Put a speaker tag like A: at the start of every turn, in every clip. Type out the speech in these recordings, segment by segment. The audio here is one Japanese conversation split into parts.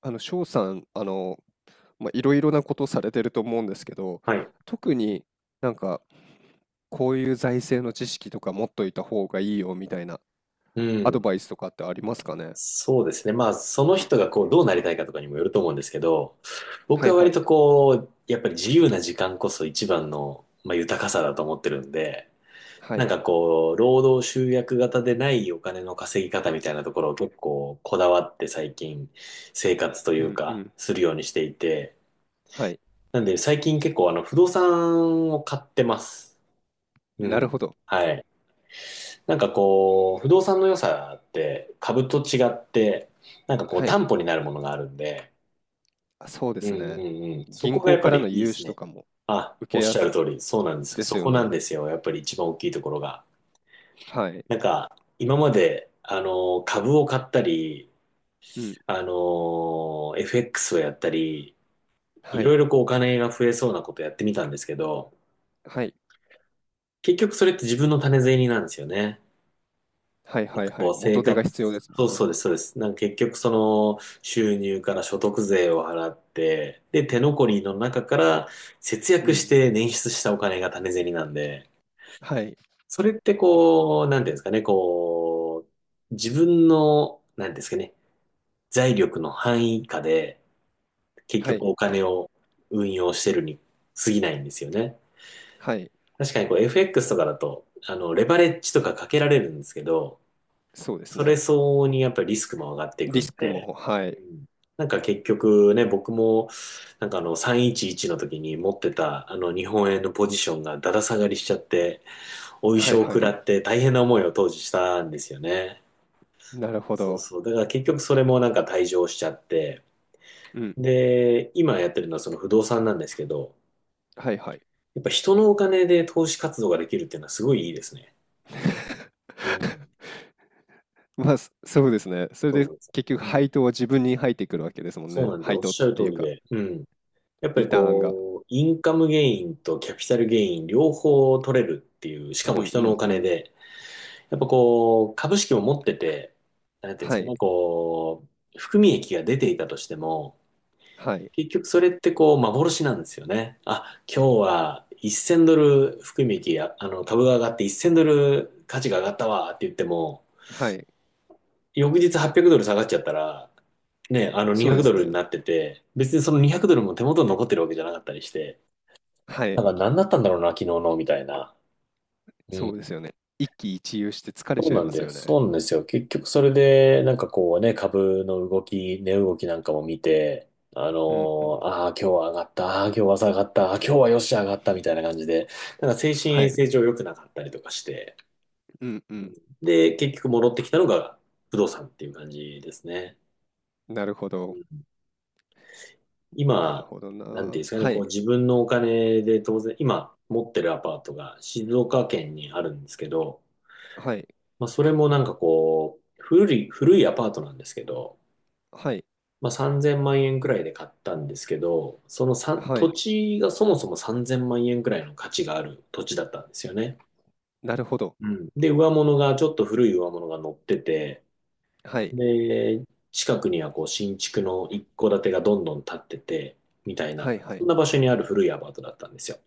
A: 翔さん、まあ、いろいろなことされてると思うんですけど、
B: はい。
A: 特になんか、こういう財政の知識とか持っといた方がいいよみたいな
B: う
A: アド
B: ん。
A: バイスとかってありますかね？
B: そうですね。まあ、その人がこう、どうなりたいかとかにもよると思うんですけど、僕
A: はい
B: は
A: は
B: 割
A: い。
B: とこう、やっぱり自由な時間こそ一番の、まあ、豊かさだと思ってるんで、
A: は
B: なん
A: い。
B: かこう、労働集約型でないお金の稼ぎ方みたいなところを結構こだわって最近生活とい
A: う
B: う
A: んう
B: か、
A: ん。
B: するようにしていて、
A: はい。
B: なんで最近結構不動産を買ってます。う
A: なる
B: ん。
A: ほど。
B: はい。なんかこう、不動産の良さって株と違って、なんかこう
A: はい。
B: 担保になるものがあるんで、
A: あ、そうで
B: うん
A: す
B: う
A: ね。
B: んうん。そこ
A: 銀
B: がや
A: 行
B: っぱ
A: から
B: り
A: の
B: いいで
A: 融
B: す
A: 資と
B: ね。
A: かも
B: あ、
A: 受け
B: おっ
A: や
B: しゃ
A: す
B: る通り、そうなんですよ。
A: で
B: そ
A: すよ
B: こなん
A: ね。
B: ですよ。やっぱり一番大きいところが。
A: はい。
B: なんか、今まで、株を買ったり、
A: うん。
B: FX をやったり、い
A: は
B: ろ
A: い。
B: いろこうお金が増えそうなことやってみたんですけど、
A: はい。
B: 結局それって自分の種銭なんですよね。
A: はい
B: なん
A: はい
B: か
A: は
B: こ
A: い。
B: う生
A: 元手
B: 活、
A: が必要ですも
B: そう
A: ん
B: そ
A: ね。
B: うです、そうです。なんか結局その収入から所得税を払って、で、手残りの中から節
A: う
B: 約し
A: ん。
B: て捻出したお金が種銭なんで、
A: はい。
B: それってこう、なんていうんですかね、こう、自分の、なんていうんですかね、財力の範囲下で結
A: は
B: 局
A: い。
B: お金を運用してるに過ぎないんですよね。
A: はい。
B: 確かにこう FX とかだと、レバレッジとかかけられるんですけど、
A: そうです
B: それ
A: ね。
B: 相応にやっぱりリスクも上がっていく
A: リ
B: ん
A: スク
B: で、
A: も、は
B: う
A: い。
B: んなんか結局ね、僕も、なんかあの311の時に持ってたあの日本円のポジションがだだ下がりしちゃって、お衣
A: はい
B: 装を
A: は
B: 食
A: い。
B: らって大変な思いを当時したんですよね。
A: なるほ
B: そう
A: ど。
B: そう。だから結局それもなんか退場しちゃって、
A: うん。
B: で、今やってるのはその不動産なんですけど、
A: はいはい。
B: やっぱ人のお金で投資活動ができるっていうのはすごいいいですね。うん。
A: まあ、そうですね。それ
B: そう
A: で
B: なんですよ。
A: 結局
B: うん。
A: 配当は自分に入ってくるわけですもん
B: そう
A: ね。
B: なんで、お
A: 配
B: っ
A: 当っ
B: しゃる
A: て
B: 通
A: いう
B: り
A: か、
B: で。うん。やっぱ
A: リ
B: り
A: ターンが。
B: こう、インカムゲインとキャピタルゲイン両方取れるっていう、し
A: う
B: かも
A: んう
B: 人のお
A: んう
B: 金
A: ん。
B: で、やっぱこう、株式も持ってて、なんていうんです
A: は
B: か
A: い。
B: ね、こう、含み益が出ていたとしても、
A: はい。
B: 結局それってこう、幻なんですよね。あ、今日は1000ドル含み益や、株が上がって1000ドル価値が上がったわって言っても、
A: はい。
B: 翌日800ドル下がっちゃったら、ね、あの
A: そう
B: 200
A: で
B: ド
A: す
B: ル
A: ね。
B: になってて、別にその200ドルも手元に残ってるわけじゃなかったりして、
A: は
B: な
A: い。
B: んか何だったんだろうな、昨日の、みたいな。う
A: そうです
B: ん。
A: よね。一喜一憂して疲れ
B: そう
A: ちゃい
B: なん
A: ます
B: で、
A: よ
B: そ
A: ね。
B: うなんですよ。結局それで、なんかこうね、株の動き、値動きなんかも見て、あの
A: うんうん。
B: ああ、今日は上がった、ああ、今日は下がった、ああ、今日はよし上がった、みたいな感じで、なんか精神
A: は
B: 衛
A: い。
B: 生上良くなかったりとかして、
A: うんうん。
B: で、結局戻ってきたのが不動産っていう感じですね。
A: なるほど。なる
B: 今、
A: ほど
B: なんて
A: な。
B: いうんですかね、
A: は
B: こ
A: い。
B: う自分のお金で当然、今持ってるアパートが静岡県にあるんですけど、
A: はい。
B: まあ、それもなんかこう、古い、古いアパートなんですけど、
A: はい。
B: まあ、3000万円くらいで買ったんですけど、その
A: は
B: 土
A: い。
B: 地がそもそも3000万円くらいの価値がある土地だったんですよね。
A: なるほど。
B: うん。で、上物が、ちょっと古い上物が乗ってて、
A: はい。
B: で、近くにはこう新築の一戸建てがどんどん建ってて、みたい
A: は
B: な、
A: いは
B: そ
A: い。
B: んな場所にある古いアパートだったんですよ。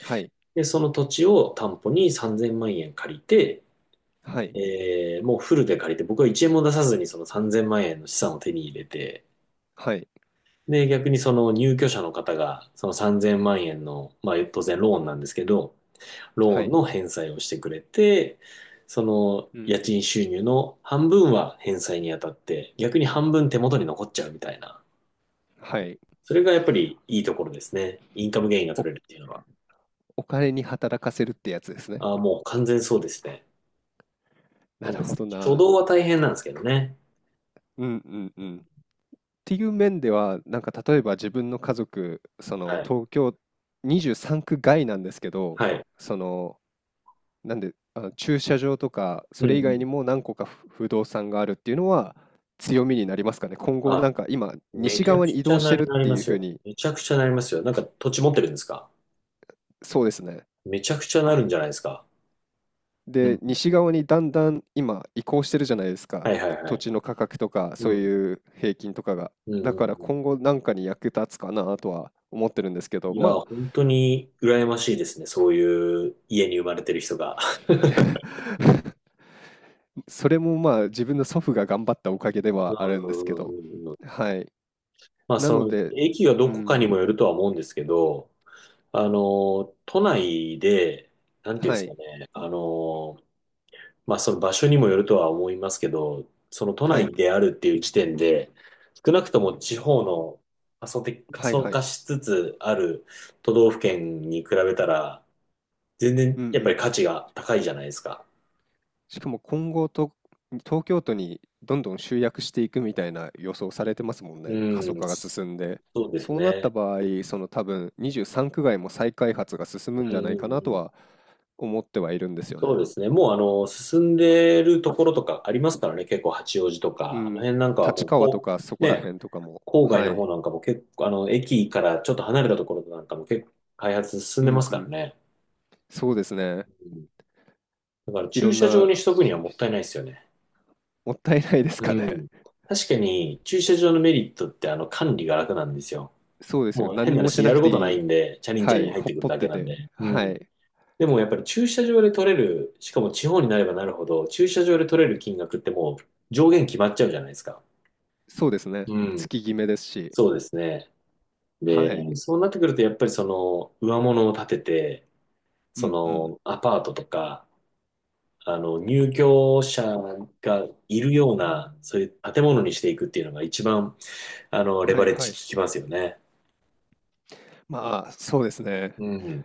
A: はい。
B: で、その土地を担保に3000万円借りて、
A: はい。
B: もうフルで借りて、僕は1円も出さずにその3000万円の資産を手に入れて、
A: はい。
B: で、逆にその入居者の方が、その3000万円の、まあ当然ローンなんですけど、ロ
A: は
B: ーン
A: い。
B: の返済をしてくれて、その
A: うん。
B: 家賃収入の半分は返済に当たって、逆に半分手元に残っちゃうみたいな。
A: はい。
B: それがやっぱりいいところですね。インカムゲインが取れるっていうのは。
A: お金に働かせるってやつですね。
B: ああ、もう完全そうですね。
A: な
B: なんで
A: るほ
B: す。
A: ど
B: 初
A: な。
B: 動は大変なんですけどね。
A: うんうんうん。っていう面では、なんか例えば自分の家族、その
B: はい。
A: 東京23区外なんですけど、
B: はい。
A: その、なんで、あの駐車場とか、そ
B: うん
A: れ以
B: う
A: 外
B: ん。
A: にも何個か不動産があるっていうのは強みになりますかね。今後
B: あ、
A: なんか今、
B: め
A: 西
B: ちゃ
A: 側
B: く
A: に移
B: ちゃ
A: 動し
B: な
A: て
B: り、
A: るって
B: ま
A: いう
B: す
A: ふう
B: よ。
A: に、
B: めちゃくちゃなりますよ。なんか土地持ってるんですか？
A: そうですね。
B: めちゃくちゃなるんじゃないですか。う
A: で、
B: ん。
A: 西側にだんだん今移行してるじゃないですか。
B: はいはいは
A: 土
B: い。
A: 地の価格とか、そ
B: う
A: う
B: ん。
A: いう平均とかが。
B: うんう
A: だ
B: ん
A: から
B: うん。
A: 今後なんかに役立つかなとは思ってるんですけど、
B: いや、
A: まあ、
B: 本当に羨ましいですね。そういう家に生まれてる人が。うん
A: それもまあ自分の祖父が頑張ったおかげで
B: う
A: はあるんですけ
B: ん
A: ど。
B: うんうん。
A: はい。
B: まあ、
A: な
B: そ
A: の
B: の、
A: で、
B: 駅が
A: う
B: どこかに
A: ん、
B: もよるとは思うんですけど、あの、都内で、なんていうんで
A: は
B: すか
A: い、
B: ね、まあその場所にもよるとは思いますけど、その都
A: は
B: 内
A: い、
B: であるっていう時点で、少なくとも地方の過疎的、過
A: はい、
B: 疎
A: は
B: 化
A: い。
B: しつつある都道府県に比べたら、全
A: うん
B: 然
A: う
B: やっぱり
A: ん。
B: 価値が高いじゃないですか。
A: しかも今後と、東京都にどんどん集約していくみたいな予想されてますもん
B: う
A: ね。過疎
B: ん、
A: 化が進んで。
B: そうです
A: そうなった
B: ね。
A: 場合、その多分23区外も再開発が進むん
B: う
A: じ
B: ん
A: ゃ
B: うん
A: な
B: う
A: いかなと
B: ん、
A: は思ってはいるんですよ
B: そう
A: ね。
B: ですね。もう進んでるところとかありますからね、結構八王子と
A: う
B: か、あの
A: ん。
B: 辺なんかはも
A: 立
B: う
A: 川と
B: こ
A: かそ
B: う、
A: こら
B: ね、
A: 辺とかも。
B: 郊外
A: は
B: の
A: い。
B: 方なんかも結構、駅からちょっと離れたところなんかも結構開発進ん
A: う
B: でま
A: ん
B: す
A: う
B: から
A: ん。
B: ね。
A: そうですね。
B: うんだから
A: い
B: 駐
A: ろん
B: 車場
A: な
B: にしとくには
A: 消
B: も
A: 費
B: っ
A: し
B: た
A: て
B: いないですよね。
A: もったいないです
B: う
A: かね。
B: ん。確かに駐車場のメリットって管理が楽なんですよ。
A: そうですよ。
B: もう
A: 何
B: 変な
A: にも
B: 話、
A: し
B: や
A: な
B: る
A: くて
B: こ
A: い
B: とない
A: い。
B: んで、チャリンチ
A: は
B: ャリン
A: い。
B: 入っ
A: ほ
B: て
A: っ
B: くる
A: ぽっ
B: だけ
A: て
B: なん
A: て。
B: で。う
A: は
B: ん。
A: い。
B: でもやっぱり駐車場で取れる、しかも地方になればなるほど、駐車場で取れる金額ってもう上限決まっちゃうじゃないですか。
A: そうですね。
B: うん。
A: 月決めですし。
B: そうですね。
A: はい。
B: で、そうなってくるとやっぱりその上物を建てて、
A: う
B: そ
A: んうん。
B: のアパートとか、入居者がいるような、そういう建物にしていくっていうのが一番、レ
A: は
B: バ
A: い
B: レッ
A: は
B: ジ効
A: い。
B: きますよね。
A: まあ、そうですね。
B: うん。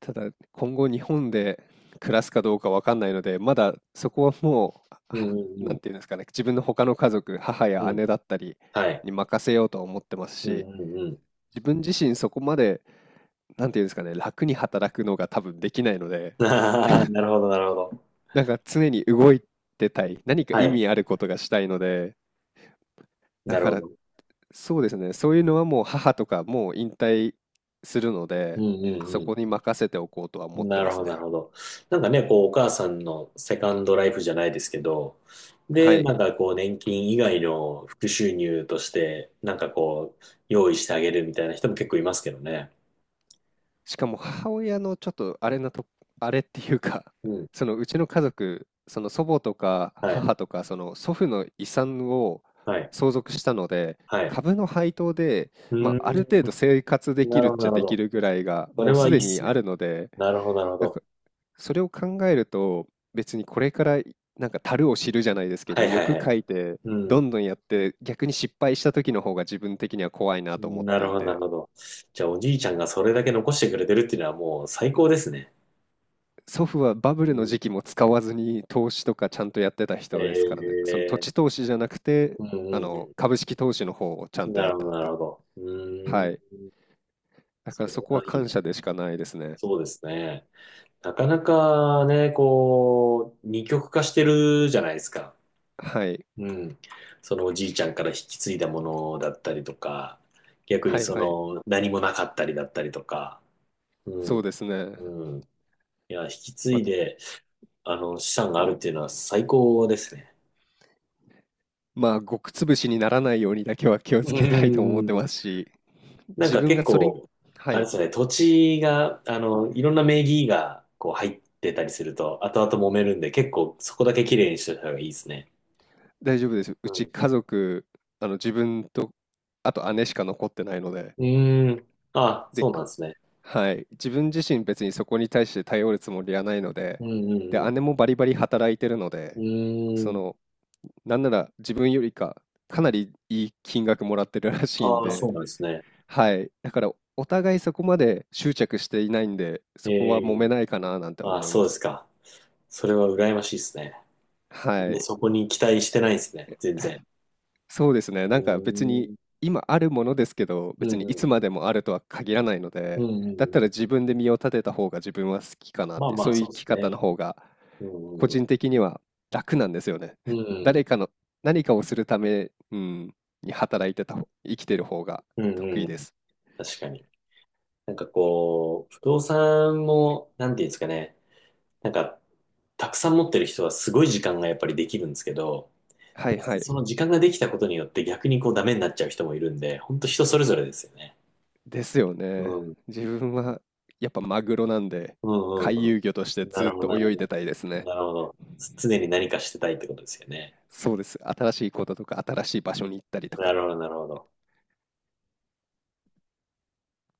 A: ただ、今後日本で暮らすかどうかわかんないので、まだそこはもう、
B: うん
A: は
B: う
A: な
B: ん
A: んていうんですかね、自分の他の家族、母
B: う
A: や
B: ん。うん。
A: 姉だったり
B: はい。
A: に任せようとは思ってます
B: うん
A: し、
B: うんうん。
A: 自分自身そこまで、なんていうんですかね、楽に働くのが多分できないので、
B: ああ、なるほど、なるほど。
A: なんか常に動いてたい、何か
B: は
A: 意
B: い。
A: 味あることがしたいので、だ
B: なる
A: か
B: ほ
A: ら
B: ど。
A: そうですね。そういうのはもう母とかもう引退するの
B: う
A: で、
B: ん
A: そ
B: う
A: こに
B: ん
A: 任せておこうとは
B: う
A: 思っ
B: ん。
A: て
B: な
A: ま
B: る
A: す
B: ほど、な
A: ね。
B: るほど。なんかね、こう、お母さんのセカンドライフじゃないですけど、
A: は
B: で、な
A: い。
B: んかこう、年金以外の副収入として、なんかこう、用意してあげるみたいな人も結構いますけどね。
A: しかも母親のちょっとあれなと、あれっていうか、
B: う ん。
A: そのうちの家族、その祖母とか
B: はい。
A: 母とか、その祖父の遺産を
B: はい。
A: 相続したので、
B: はい。
A: 株の配当で、
B: うー
A: まあ、あ
B: ん。
A: る程度生活でき
B: な
A: る
B: る
A: っ
B: ほど、
A: ちゃ
B: なるほ
A: でき
B: ど。
A: るぐらいが、
B: それ
A: もうす
B: はいい
A: で
B: っ
A: に
B: す
A: あ
B: ね。
A: るので、
B: なるほど、なるほ
A: なん
B: ど。
A: か、それを考えると、別にこれからなんか足を知るじゃないですけ
B: は
A: ど、
B: いはい
A: 欲
B: は
A: 書
B: い。
A: いて、
B: う
A: ど
B: ん。
A: んどんやって、逆に失敗した時の方が自分的には怖いなと思っ
B: な
A: て
B: る
A: い
B: ほど、なる
A: て、
B: ほど。じゃあ、おじいちゃんがそれだけ残してくれてるっていうのはもう最高ですね。
A: 祖父はバブ
B: う
A: ルの
B: ん。
A: 時期も使わずに投資とかちゃんとやってた人ですからね。
B: え
A: その土
B: え、
A: 地投資じゃなくて、
B: うんうん
A: 株式投資の方をちゃ
B: う
A: ん
B: ん。
A: と
B: な
A: やっ
B: るほ
A: て
B: ど、
A: たっ
B: な
A: て。
B: るほど。うー
A: はい。
B: ん。
A: だから
B: それ
A: そこは
B: はいい
A: 感
B: ね。
A: 謝でしかないですね。
B: そうですね。なかなかね、こう、二極化してるじゃないですか。
A: はい。
B: うん。そのおじいちゃんから引き継いだものだったりとか、逆に
A: はい
B: そ
A: はい。
B: の何もなかったりだったりとか、う
A: そう
B: ん。
A: ですね。
B: うん。いや、引き継い
A: ま
B: で、資産があるっていうのは最高ですね。
A: まあ、極潰しにならないようにだけは気を
B: う
A: つけたいと思って
B: ん。
A: ますし、
B: なん
A: 自
B: か
A: 分
B: 結
A: がそれに、
B: 構、
A: は
B: あれ
A: い、
B: ですね、土地が、いろんな名義がこう入ってたりすると、後々揉めるんで、結構そこだけ綺麗にしておいた方がいいですね。
A: 大丈夫です。
B: う
A: うち
B: ん。
A: 家族、自分と、あと姉しか残ってないので、
B: うーん。あ、
A: で、
B: そうなんですね。
A: はい、自分自身別にそこに対して頼るつもりはないので、
B: うん
A: で、
B: う
A: 姉
B: ん
A: もバリバリ働いてるの
B: う
A: で、
B: ん。
A: そ
B: うー
A: の、
B: ん。
A: なんなら自分よりか、かなりいい金額もらってるらしいん
B: ああ、そ
A: で、
B: うなんですね。
A: はい、だからお互いそこまで執着していないんで、
B: え
A: そこは揉め
B: え、
A: ないかななんて
B: あ、
A: 思い
B: そ
A: ま
B: うです
A: す。
B: か。それは羨ましいですね。みん
A: は
B: な
A: い、
B: そこに期待してないですね。全然。
A: そうですね。
B: う
A: なんか別
B: ー
A: に
B: ん。
A: 今あるものですけど、
B: う
A: 別
B: ん
A: にい
B: うん。
A: つまでもあるとは限らないの
B: うん
A: で、
B: う
A: だっ
B: ん
A: た
B: う
A: ら
B: ん。
A: 自分で身を立てた方が自分は好きかなっ
B: まあ
A: て、
B: まあ、
A: そういう
B: そう
A: 生
B: で
A: き
B: す
A: 方の
B: ね。
A: 方が
B: う
A: 個
B: んう
A: 人
B: ん
A: 的には楽なんですよね。
B: う ん。
A: 誰かの何かをするため、うん、に働いてた方、生きてる方が
B: うんうんうんう
A: 得
B: ん
A: 意
B: うん。まあまあそうですね。うんうんうんうんうん
A: で
B: うん。
A: す。
B: 確かに。なんかこう、不動産も、なんていうんですかね。なんか、たくさん持ってる人はすごい時間がやっぱりできるんですけど、
A: はいはい。
B: その時間ができたことによって逆にこうダメになっちゃう人もいるんで、本当人それぞれですよね。
A: ですよ
B: う
A: ね。
B: ん
A: 自分はやっぱマグロなんで、
B: うんう
A: 回
B: ん
A: 遊魚として
B: うん。な
A: ず
B: る
A: っ
B: ほど、な
A: と
B: るほ
A: 泳いでたいです
B: ど。
A: ね。
B: なるほど。常に何かしてたいってことですよね。
A: そうです。新しいこととか新しい場所に行ったりと
B: な
A: か。
B: るほど、なるほど。